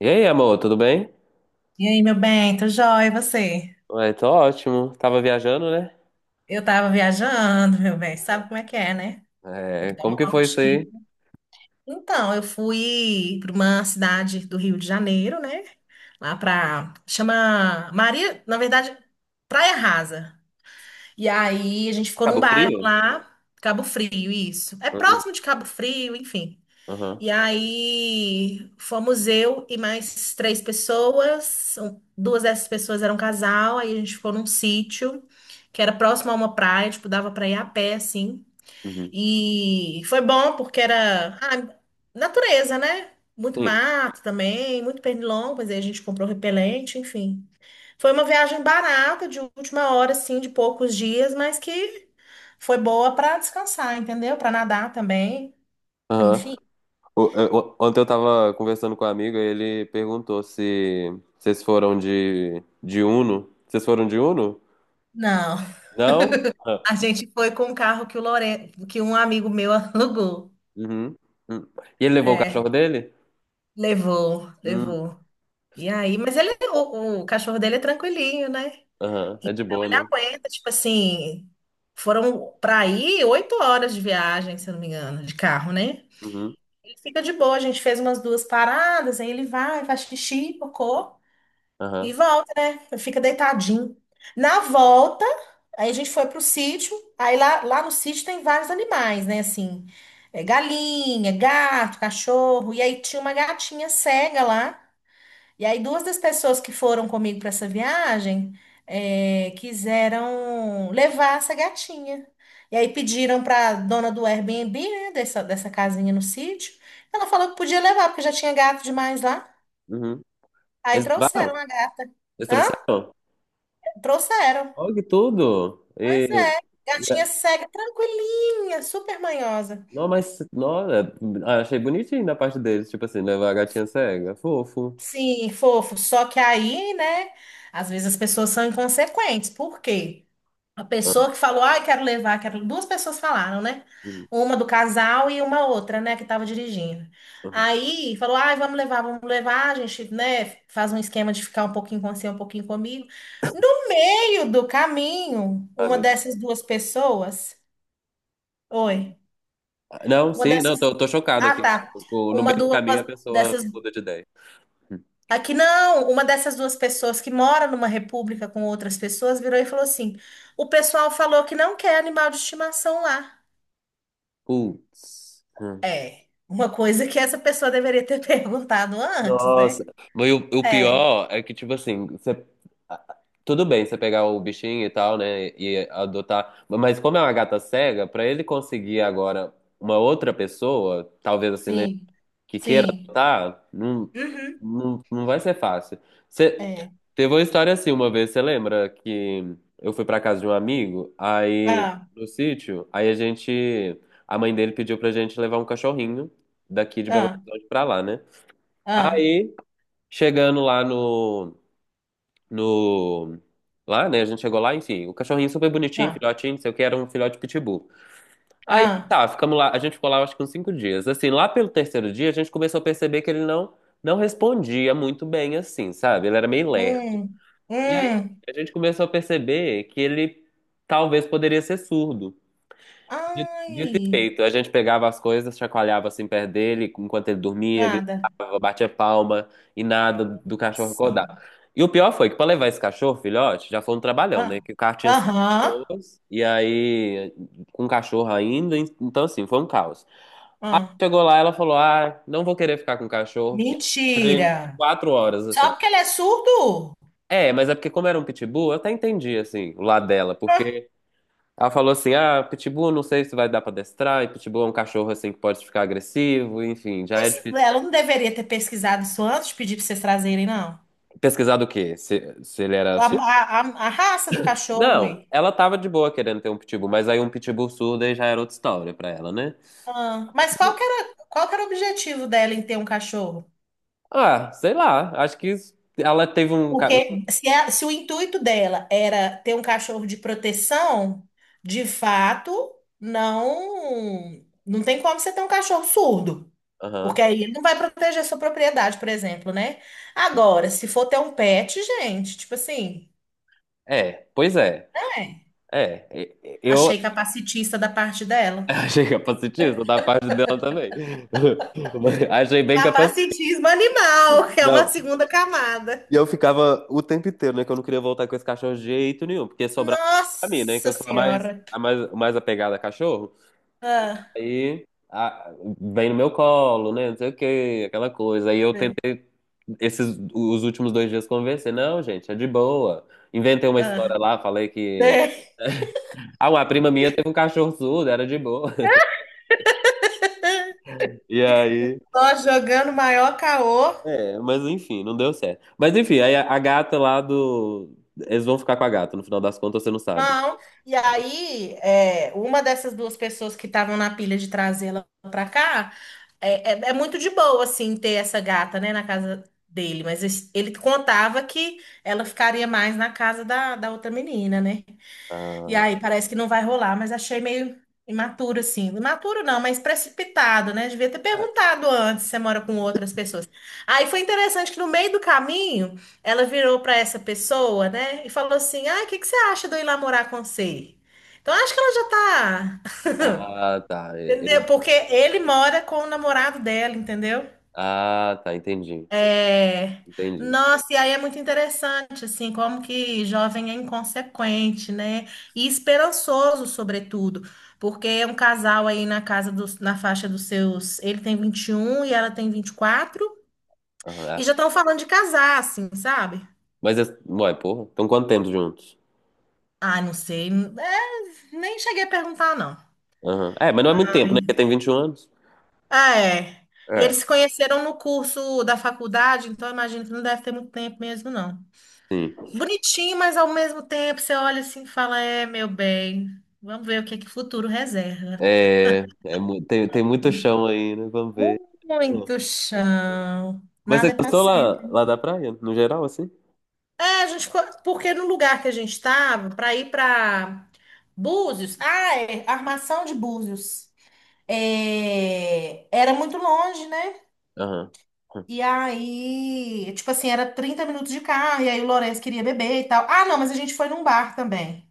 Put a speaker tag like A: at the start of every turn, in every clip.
A: E aí, amor, tudo bem?
B: E aí, meu bem, tô jóia, e você?
A: Ué, tô ótimo. Tava viajando, né?
B: Eu tava viajando, meu bem, sabe como é que é, né? Tem
A: É,
B: que dar
A: como
B: uma
A: que foi isso
B: voltinha.
A: aí?
B: Então, eu fui para uma cidade do Rio de Janeiro, né? Chama Maria, na verdade, Praia Rasa. E aí, a gente ficou num
A: Cabo
B: bairro
A: Frio?
B: lá, Cabo Frio, isso. É
A: Uhum.
B: próximo de Cabo Frio, enfim.
A: Aham.
B: E aí fomos eu e mais três pessoas. Duas dessas pessoas eram casal. Aí a gente ficou num sítio que era próximo a uma praia, tipo, dava pra ir a pé, assim.
A: Uhum.
B: E foi bom porque era natureza, né? Muito
A: Sim.
B: mato também, muito pernilongo, mas aí a gente comprou repelente, enfim. Foi uma viagem barata, de última hora, assim, de poucos dias, mas que foi boa pra descansar, entendeu? Pra nadar também,
A: Aham.
B: enfim.
A: Ontem eu tava conversando com um amigo e ele perguntou se vocês foram de Uno. Vocês foram de Uno?
B: Não.
A: Não? Ah.
B: A gente foi com um carro que que um amigo meu alugou.
A: Uhum. Uhum. E ele levou o cachorro
B: É,
A: dele?
B: levou,
A: Hum.
B: levou. E aí, mas ele, o cachorro dele é tranquilinho, né?
A: Aham. É de
B: Então
A: boa,
B: ele
A: né?
B: aguenta, tipo assim, foram para aí 8 horas de viagem, se eu não me engano, de carro, né?
A: Uhum.
B: Ele fica de boa, a gente fez umas duas paradas, aí ele vai, faz xixi, cocô. E
A: Aham.
B: volta, né? Fica deitadinho. Na volta, aí a gente foi pro sítio. Aí lá no sítio tem vários animais, né? Assim, é, galinha, gato, cachorro. E aí tinha uma gatinha cega lá. E aí duas das pessoas que foram comigo para essa viagem quiseram levar essa gatinha. E aí pediram para dona do Airbnb, né? Dessa casinha no sítio. Ela falou que podia levar, porque já tinha gato demais lá.
A: Uhum.
B: Aí
A: Eles
B: trouxeram
A: levaram?
B: a gata.
A: Eles
B: Hã?
A: trouxeram?
B: Trouxeram.
A: Olha que tudo!
B: Pois é. Gatinha cega, tranquilinha, super manhosa.
A: Não, mas, nossa, ah, achei bonitinho da parte deles, tipo assim, levar a gatinha cega, fofo.
B: Sim, fofo. Só que aí, né? Às vezes as pessoas são inconsequentes. Por quê? A
A: Ah,
B: pessoa que falou, ai, quero levar, quero. Duas pessoas falaram, né?
A: hum,
B: Uma do casal e uma outra, né, que tava dirigindo.
A: uhum.
B: Aí falou, ai, vamos levar, vamos levar. A gente, né, faz um esquema de ficar um pouquinho com você, um pouquinho comigo. No meio do caminho,
A: Ah,
B: uma
A: meu Deus.
B: dessas duas pessoas. Oi.
A: Ah, não,
B: Uma
A: sim, não,
B: dessas.
A: tô chocado
B: Ah,
A: aqui.
B: tá.
A: No
B: Uma
A: meio do
B: duas
A: caminho a pessoa
B: dessas.
A: muda de ideia. Hum.
B: Aqui não, uma dessas duas pessoas que mora numa república com outras pessoas virou e falou assim: o pessoal falou que não quer animal de estimação lá.
A: Putz. Hum.
B: É, uma coisa que essa pessoa deveria ter perguntado antes,
A: Nossa.
B: né?
A: Mas o
B: É,
A: pior é que, tipo assim, ah, tudo bem você pegar o bichinho e tal, né, e adotar, mas como é uma gata cega, pra ele conseguir agora uma outra pessoa, talvez assim, né,
B: sim,
A: que queira
B: sim.
A: adotar,
B: Uhum,
A: não vai ser fácil. Você
B: é.
A: teve uma história assim uma vez, você lembra que eu fui pra casa de um amigo, aí
B: Ah,
A: no sítio, a mãe dele pediu pra gente levar um cachorrinho daqui de Belo
B: ah,
A: Horizonte pra lá, né?
B: ah,
A: Aí, chegando lá no, no, lá, né, a gente chegou lá, enfim, o cachorrinho super bonitinho,
B: ah,
A: filhotinho, não sei o que, era um filhote pitbull. Aí
B: ah.
A: tá, ficamos lá. A gente ficou lá acho que uns 5 dias. Assim, lá pelo terceiro dia, a gente começou a perceber que ele não respondia muito bem, assim, sabe? Ele era meio lerdo.
B: Hum,
A: E aí
B: hum.
A: a gente começou a perceber que ele talvez poderia ser surdo. Dito
B: Ai,
A: dito e feito, a gente pegava as coisas, chacoalhava assim perto dele, enquanto ele dormia,
B: nada.
A: gritava, batia palma e nada do cachorro
B: Nossa.
A: acordar. E o pior foi que para levar esse cachorro, filhote, já foi um trabalhão, né?
B: Ah,
A: Que o carro tinha cinco
B: aham.
A: pessoas, e aí com o cachorro ainda, então assim, foi um caos.
B: Ah.
A: Chegou lá, ela falou: Ah, não vou querer ficar com o cachorro. E
B: Mentira.
A: 4 horas,
B: Só
A: assim.
B: porque ele é surdo?
A: É, mas é porque, como era um pitbull, eu até entendi, assim, o lado dela,
B: Ah,
A: porque ela falou assim: ah, pitbull não sei se vai dar pra adestrar, e pitbull é um cachorro assim que pode ficar agressivo, enfim, já é
B: Mas
A: difícil.
B: ela não deveria ter pesquisado isso antes, de pedir para vocês trazerem, não.
A: Pesquisar do quê? Se ele era
B: A,
A: surdo?
B: a- a- a raça do cachorro.
A: Não, ela tava de boa querendo ter um pitbull, mas aí um pitbull surdo aí já era outra história pra ela, né?
B: Ah, mas qual que era o objetivo dela em ter um cachorro?
A: Ah, sei lá, acho que ela teve um.
B: Porque se o intuito dela era ter um cachorro de proteção, de fato, não, não tem como você ter um cachorro surdo.
A: Aham.
B: Porque aí ele não vai proteger sua propriedade, por exemplo, né? Agora, se for ter um pet, gente, tipo assim,
A: É, pois é.
B: é,
A: É, eu
B: achei capacitista da parte dela.
A: achei capacitista da parte dela também. Mas achei bem capacitista.
B: Capacitismo animal, que é uma segunda camada.
A: E eu ficava o tempo inteiro, né? Que eu não queria voltar com esse cachorro de jeito nenhum, porque sobrava pra mim, né? Que
B: Nossa
A: eu sou a mais,
B: Senhora.
A: a mais, mais apegada a cachorro.
B: Ah,
A: Aí vem no meu colo, né? Não sei o quê, aquela coisa. Aí eu
B: sei,
A: tentei, os últimos 2 dias convencer. Não, gente, é de boa. Inventei uma
B: ah,
A: história lá, falei que.
B: sei.
A: Ah, uma prima minha teve um cachorro surdo, era de boa. E aí.
B: Só jogando maior caô.
A: É, mas enfim, não deu certo. Mas enfim, aí a gata lá do. Eles vão ficar com a gata, no final das contas você não sabe.
B: Não. E aí, uma dessas duas pessoas que estavam na pilha de trazê-la pra cá, é muito de boa, assim, ter essa gata, né, na casa dele. Mas ele contava que ela ficaria mais na casa da outra menina, né? E aí parece que não vai rolar, mas achei meio imaturo, assim. Imaturo não, mas precipitado, né? Devia ter
A: Ah.
B: perguntado antes se você mora com outras pessoas. Aí foi interessante que no meio do caminho, ela virou para essa pessoa, né? E falou assim: Ah, o que que você acha de eu ir lá morar com você? Então acho que ela já tá.
A: Ah, tá.
B: Entendeu? Porque ele mora com o namorado dela, entendeu?
A: Ah, tá. Entendi.
B: É,
A: Entendi.
B: nossa, e aí é muito interessante, assim, como que jovem é inconsequente, né? E esperançoso, sobretudo, porque é um casal aí na faixa dos seus, ele tem 21 e ela tem 24
A: Aham,
B: e
A: é.
B: já estão falando de casar, assim, sabe?
A: Mas, ué, porra. Então, quanto tempo juntos?
B: Ah, não sei, nem cheguei a perguntar, não.
A: Aham. É, mas não é muito tempo, né? Porque tem 21 anos.
B: Ah, é. E
A: É.
B: eles se conheceram no curso da faculdade, então eu imagino que não deve ter muito tempo mesmo, não.
A: Sim.
B: Bonitinho, mas ao mesmo tempo você olha assim e fala: É, meu bem, vamos ver o que é que o futuro reserva.
A: É, tem muito chão aí, né? Vamos ver.
B: Muito
A: É.
B: chão.
A: Mas você
B: Nada é para
A: gostou lá,
B: sempre.
A: lá da praia, no geral, assim?
B: É, porque no lugar que a gente estava, para ir para Búzios, Armação de Búzios, era muito longe, né?
A: Aham. Hum.
B: E aí, tipo assim, era 30 minutos de carro, e aí o Lourenço queria beber e tal. Ah, não, mas a gente foi num bar também.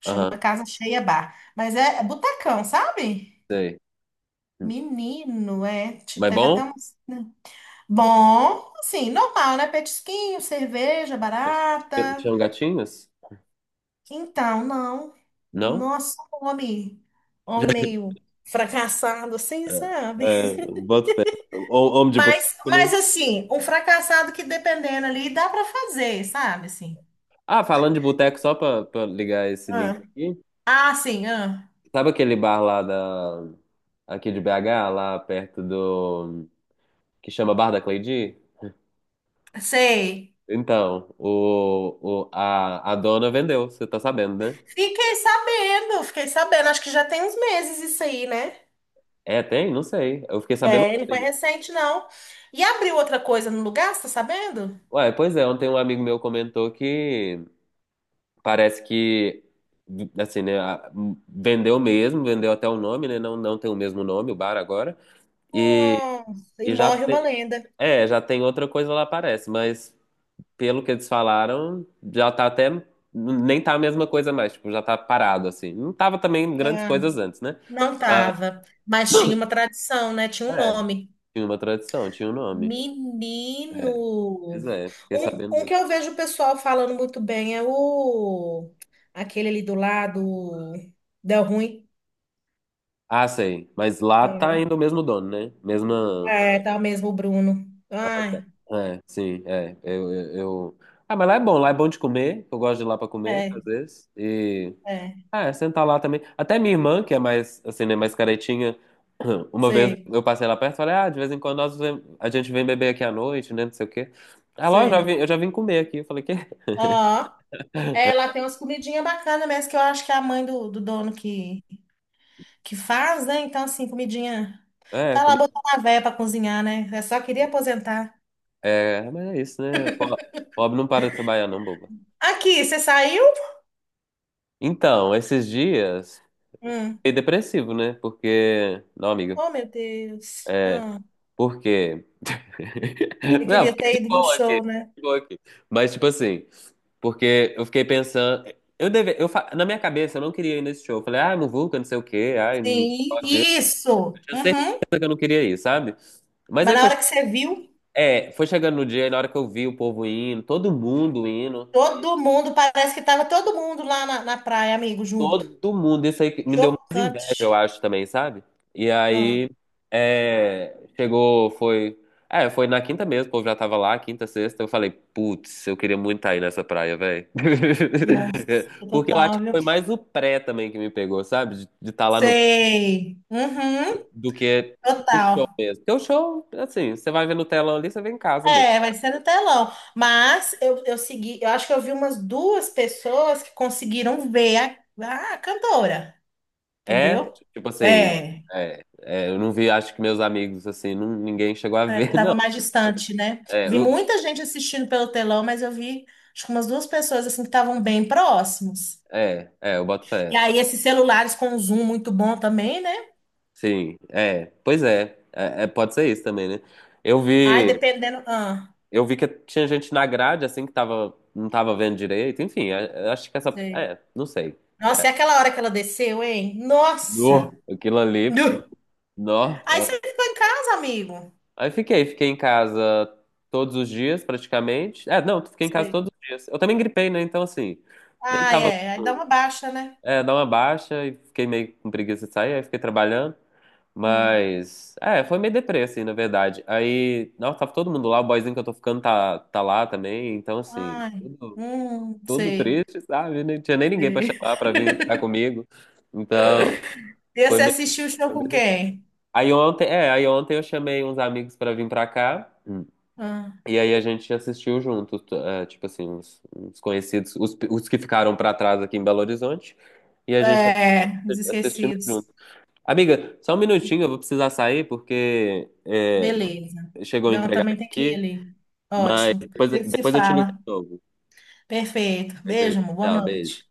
B: Chama
A: Aham.
B: Casa Cheia Bar. Mas é sabe?
A: Sei. Hum.
B: Menino, é.
A: Mas
B: Teve
A: bom?
B: até um. Bom, assim, normal, né? Petisquinho, cerveja
A: Mas
B: barata.
A: tinham gatinhas?
B: Então, não.
A: Não?
B: Nossa, um homem. Homem meio fracassado, assim, sabe?
A: É, é, boto fé. Homem de
B: Mas,
A: boteco, né?
B: mas assim, um fracassado que dependendo ali, dá pra fazer, sabe? Assim.
A: Ah, falando de boteco, só pra ligar esse link
B: Ah,
A: aqui.
B: ah, sim, ah.
A: Sabe aquele bar aqui de BH, lá perto do, que chama Bar da Cleidi?
B: Sei.
A: Então, a dona vendeu, você tá sabendo, né?
B: Fiquei sabendo, fiquei sabendo. Acho que já tem uns meses isso aí, né?
A: É, tem? Não sei. Eu fiquei sabendo
B: É, ele foi
A: ontem.
B: recente, não. E abriu outra coisa no lugar, você tá sabendo?
A: Ué, pois é, ontem um amigo meu comentou que parece que, assim, né, vendeu mesmo, vendeu até o nome, né? Não, não tem o mesmo nome, o bar agora. E,
B: Nossa, e
A: e já
B: morre uma
A: tem,
B: lenda.
A: é, já tem outra coisa lá, parece, mas pelo que eles falaram, já tá até. Nem tá a mesma coisa mais, tipo, já tá parado, assim. Não tava também grandes
B: Ah,
A: coisas antes, né?
B: não tava, mas tinha uma tradição, né? Tinha um
A: É,
B: nome.
A: tinha uma tradição, tinha um nome. É,
B: Menino.
A: pois é, fiquei
B: Um,
A: sabendo
B: um que
A: disso.
B: eu vejo o pessoal falando muito bem é o aquele ali do lado, deu ruim.
A: Ah, sei. Mas lá tá
B: Uhum.
A: ainda o mesmo dono, né? Mesma.
B: É, tá mesmo o Bruno.
A: Ah, tá.
B: Ai,
A: É, sim, é. Ah, mas lá é bom de comer. Eu gosto de ir lá pra comer, às
B: é,
A: vezes. E.
B: é,
A: É, sentar lá também. Até minha irmã, que é mais, assim, né, mais caretinha, uma vez
B: sei,
A: eu passei lá perto e falei, ah, de vez em quando a gente vem beber aqui à noite, né, não sei o quê. Ela, ó, eu já vim,
B: sei.
A: eu já vim comer aqui. Eu falei, quê?
B: É, lá tem umas comidinhas bacanas mesmo, que eu acho que é a mãe do dono que faz, né? Então, assim, comidinha.
A: É,
B: Tá lá botando a véia pra cozinhar, né? Eu só queria aposentar.
A: é, mas é isso, né? Pobre não para de trabalhar, não, boba.
B: Aqui, você saiu?
A: Então, esses dias,
B: Hum.
A: fiquei depressivo, né? Porque, não, amiga,
B: Oh, meu Deus. Hum.
A: porque
B: Você
A: Não,
B: queria
A: fiquei
B: ter
A: de
B: ido no
A: boa aqui,
B: show, né?
A: de boa aqui. Mas, tipo assim, porque eu fiquei pensando. Eu deve, eu, fa- na minha cabeça, eu não queria ir nesse show. Eu falei, ah, não vou, que eu não sei o quê, ai, não
B: Sim,
A: gosto disso.
B: isso.
A: Eu tinha
B: Uhum.
A: certeza que eu não queria ir, sabe? Mas
B: Mas
A: aí
B: na
A: foi,
B: hora que você viu,
A: é, foi chegando no dia, e na hora que eu vi o povo indo,
B: todo mundo, parece que tava todo mundo lá na praia, amigo, junto.
A: todo mundo, isso aí que me deu eu
B: Chocante.
A: acho também, sabe? E aí
B: Hum.
A: chegou, foi. É, foi na quinta mesmo, o povo já tava lá, quinta, sexta. Eu falei, putz, eu queria muito estar aí nessa praia, velho.
B: Nossa,
A: Porque eu acho
B: total,
A: que
B: viu?
A: foi mais o pré também que me pegou, sabe? De estar lá no.
B: Sei. Uhum.
A: Do que o show
B: Total.
A: mesmo. Porque o show, assim, você vai ver no telão ali, você vê em casa mesmo.
B: É, vai ser no telão. Mas eu segui, eu acho que eu vi umas duas pessoas que conseguiram ver a cantora,
A: É,
B: entendeu?
A: tipo assim.
B: É,
A: É, é, eu não vi, acho que meus amigos, assim, não, ninguém chegou a ver, não.
B: tava mais distante, né?
A: É,
B: Vi muita gente assistindo pelo telão, mas eu vi acho que umas duas pessoas assim que estavam bem próximos.
A: é, é, eu boto
B: E
A: fé.
B: aí esses celulares com um zoom muito bom também, né?
A: Sim, é, pois é, é, é, pode ser isso também, né? Eu
B: Ai,
A: vi,
B: dependendo. Ah,
A: eu vi que tinha gente na grade assim que tava, não tava vendo direito, enfim, é, é, acho que essa,
B: sei.
A: é, não sei.
B: Nossa, e aquela hora que ela desceu, hein?
A: No,
B: Nossa!
A: aquilo ali,
B: Nu.
A: nó.
B: Aí
A: Ó.
B: você ficou em casa, amigo.
A: Aí fiquei em casa todos os dias praticamente. É, não, fiquei em casa
B: Sei.
A: todos os dias. Eu também gripei, né? Então assim, nem
B: Ai,
A: tava,
B: é, aí dá uma baixa, né?
A: dar uma baixa e fiquei meio com preguiça de sair, aí fiquei trabalhando.
B: Hum.
A: Mas, foi meio deprê, assim, na verdade. Aí, nossa, tava todo mundo lá, o boyzinho que eu tô ficando tá lá também, então, assim,
B: Ai,
A: tudo, tudo
B: sei,
A: triste, sabe? Não tinha nem ninguém pra
B: sei.
A: chamar pra vir ficar comigo. Então,
B: E
A: foi
B: você
A: meio,
B: assistiu o show
A: foi
B: com
A: meio deprê.
B: quem?
A: Aí ontem eu chamei uns amigos pra vir pra cá,
B: Ah,
A: e aí a gente assistiu junto, tipo assim, uns conhecidos, os que ficaram pra trás aqui em Belo Horizonte, e a gente
B: é, os
A: assistindo
B: esquecidos.
A: junto. Amiga, só um minutinho, eu vou precisar sair, porque,
B: Beleza.
A: chegou a
B: Não,
A: entregar
B: também tem que ir
A: aqui,
B: ali.
A: mas
B: Ótimo.
A: depois,
B: A gente se
A: depois eu te ligo
B: fala.
A: de novo.
B: Perfeito.
A: Perfeito.
B: Beijo, amor. Boa
A: Tchau, beijo.
B: noite.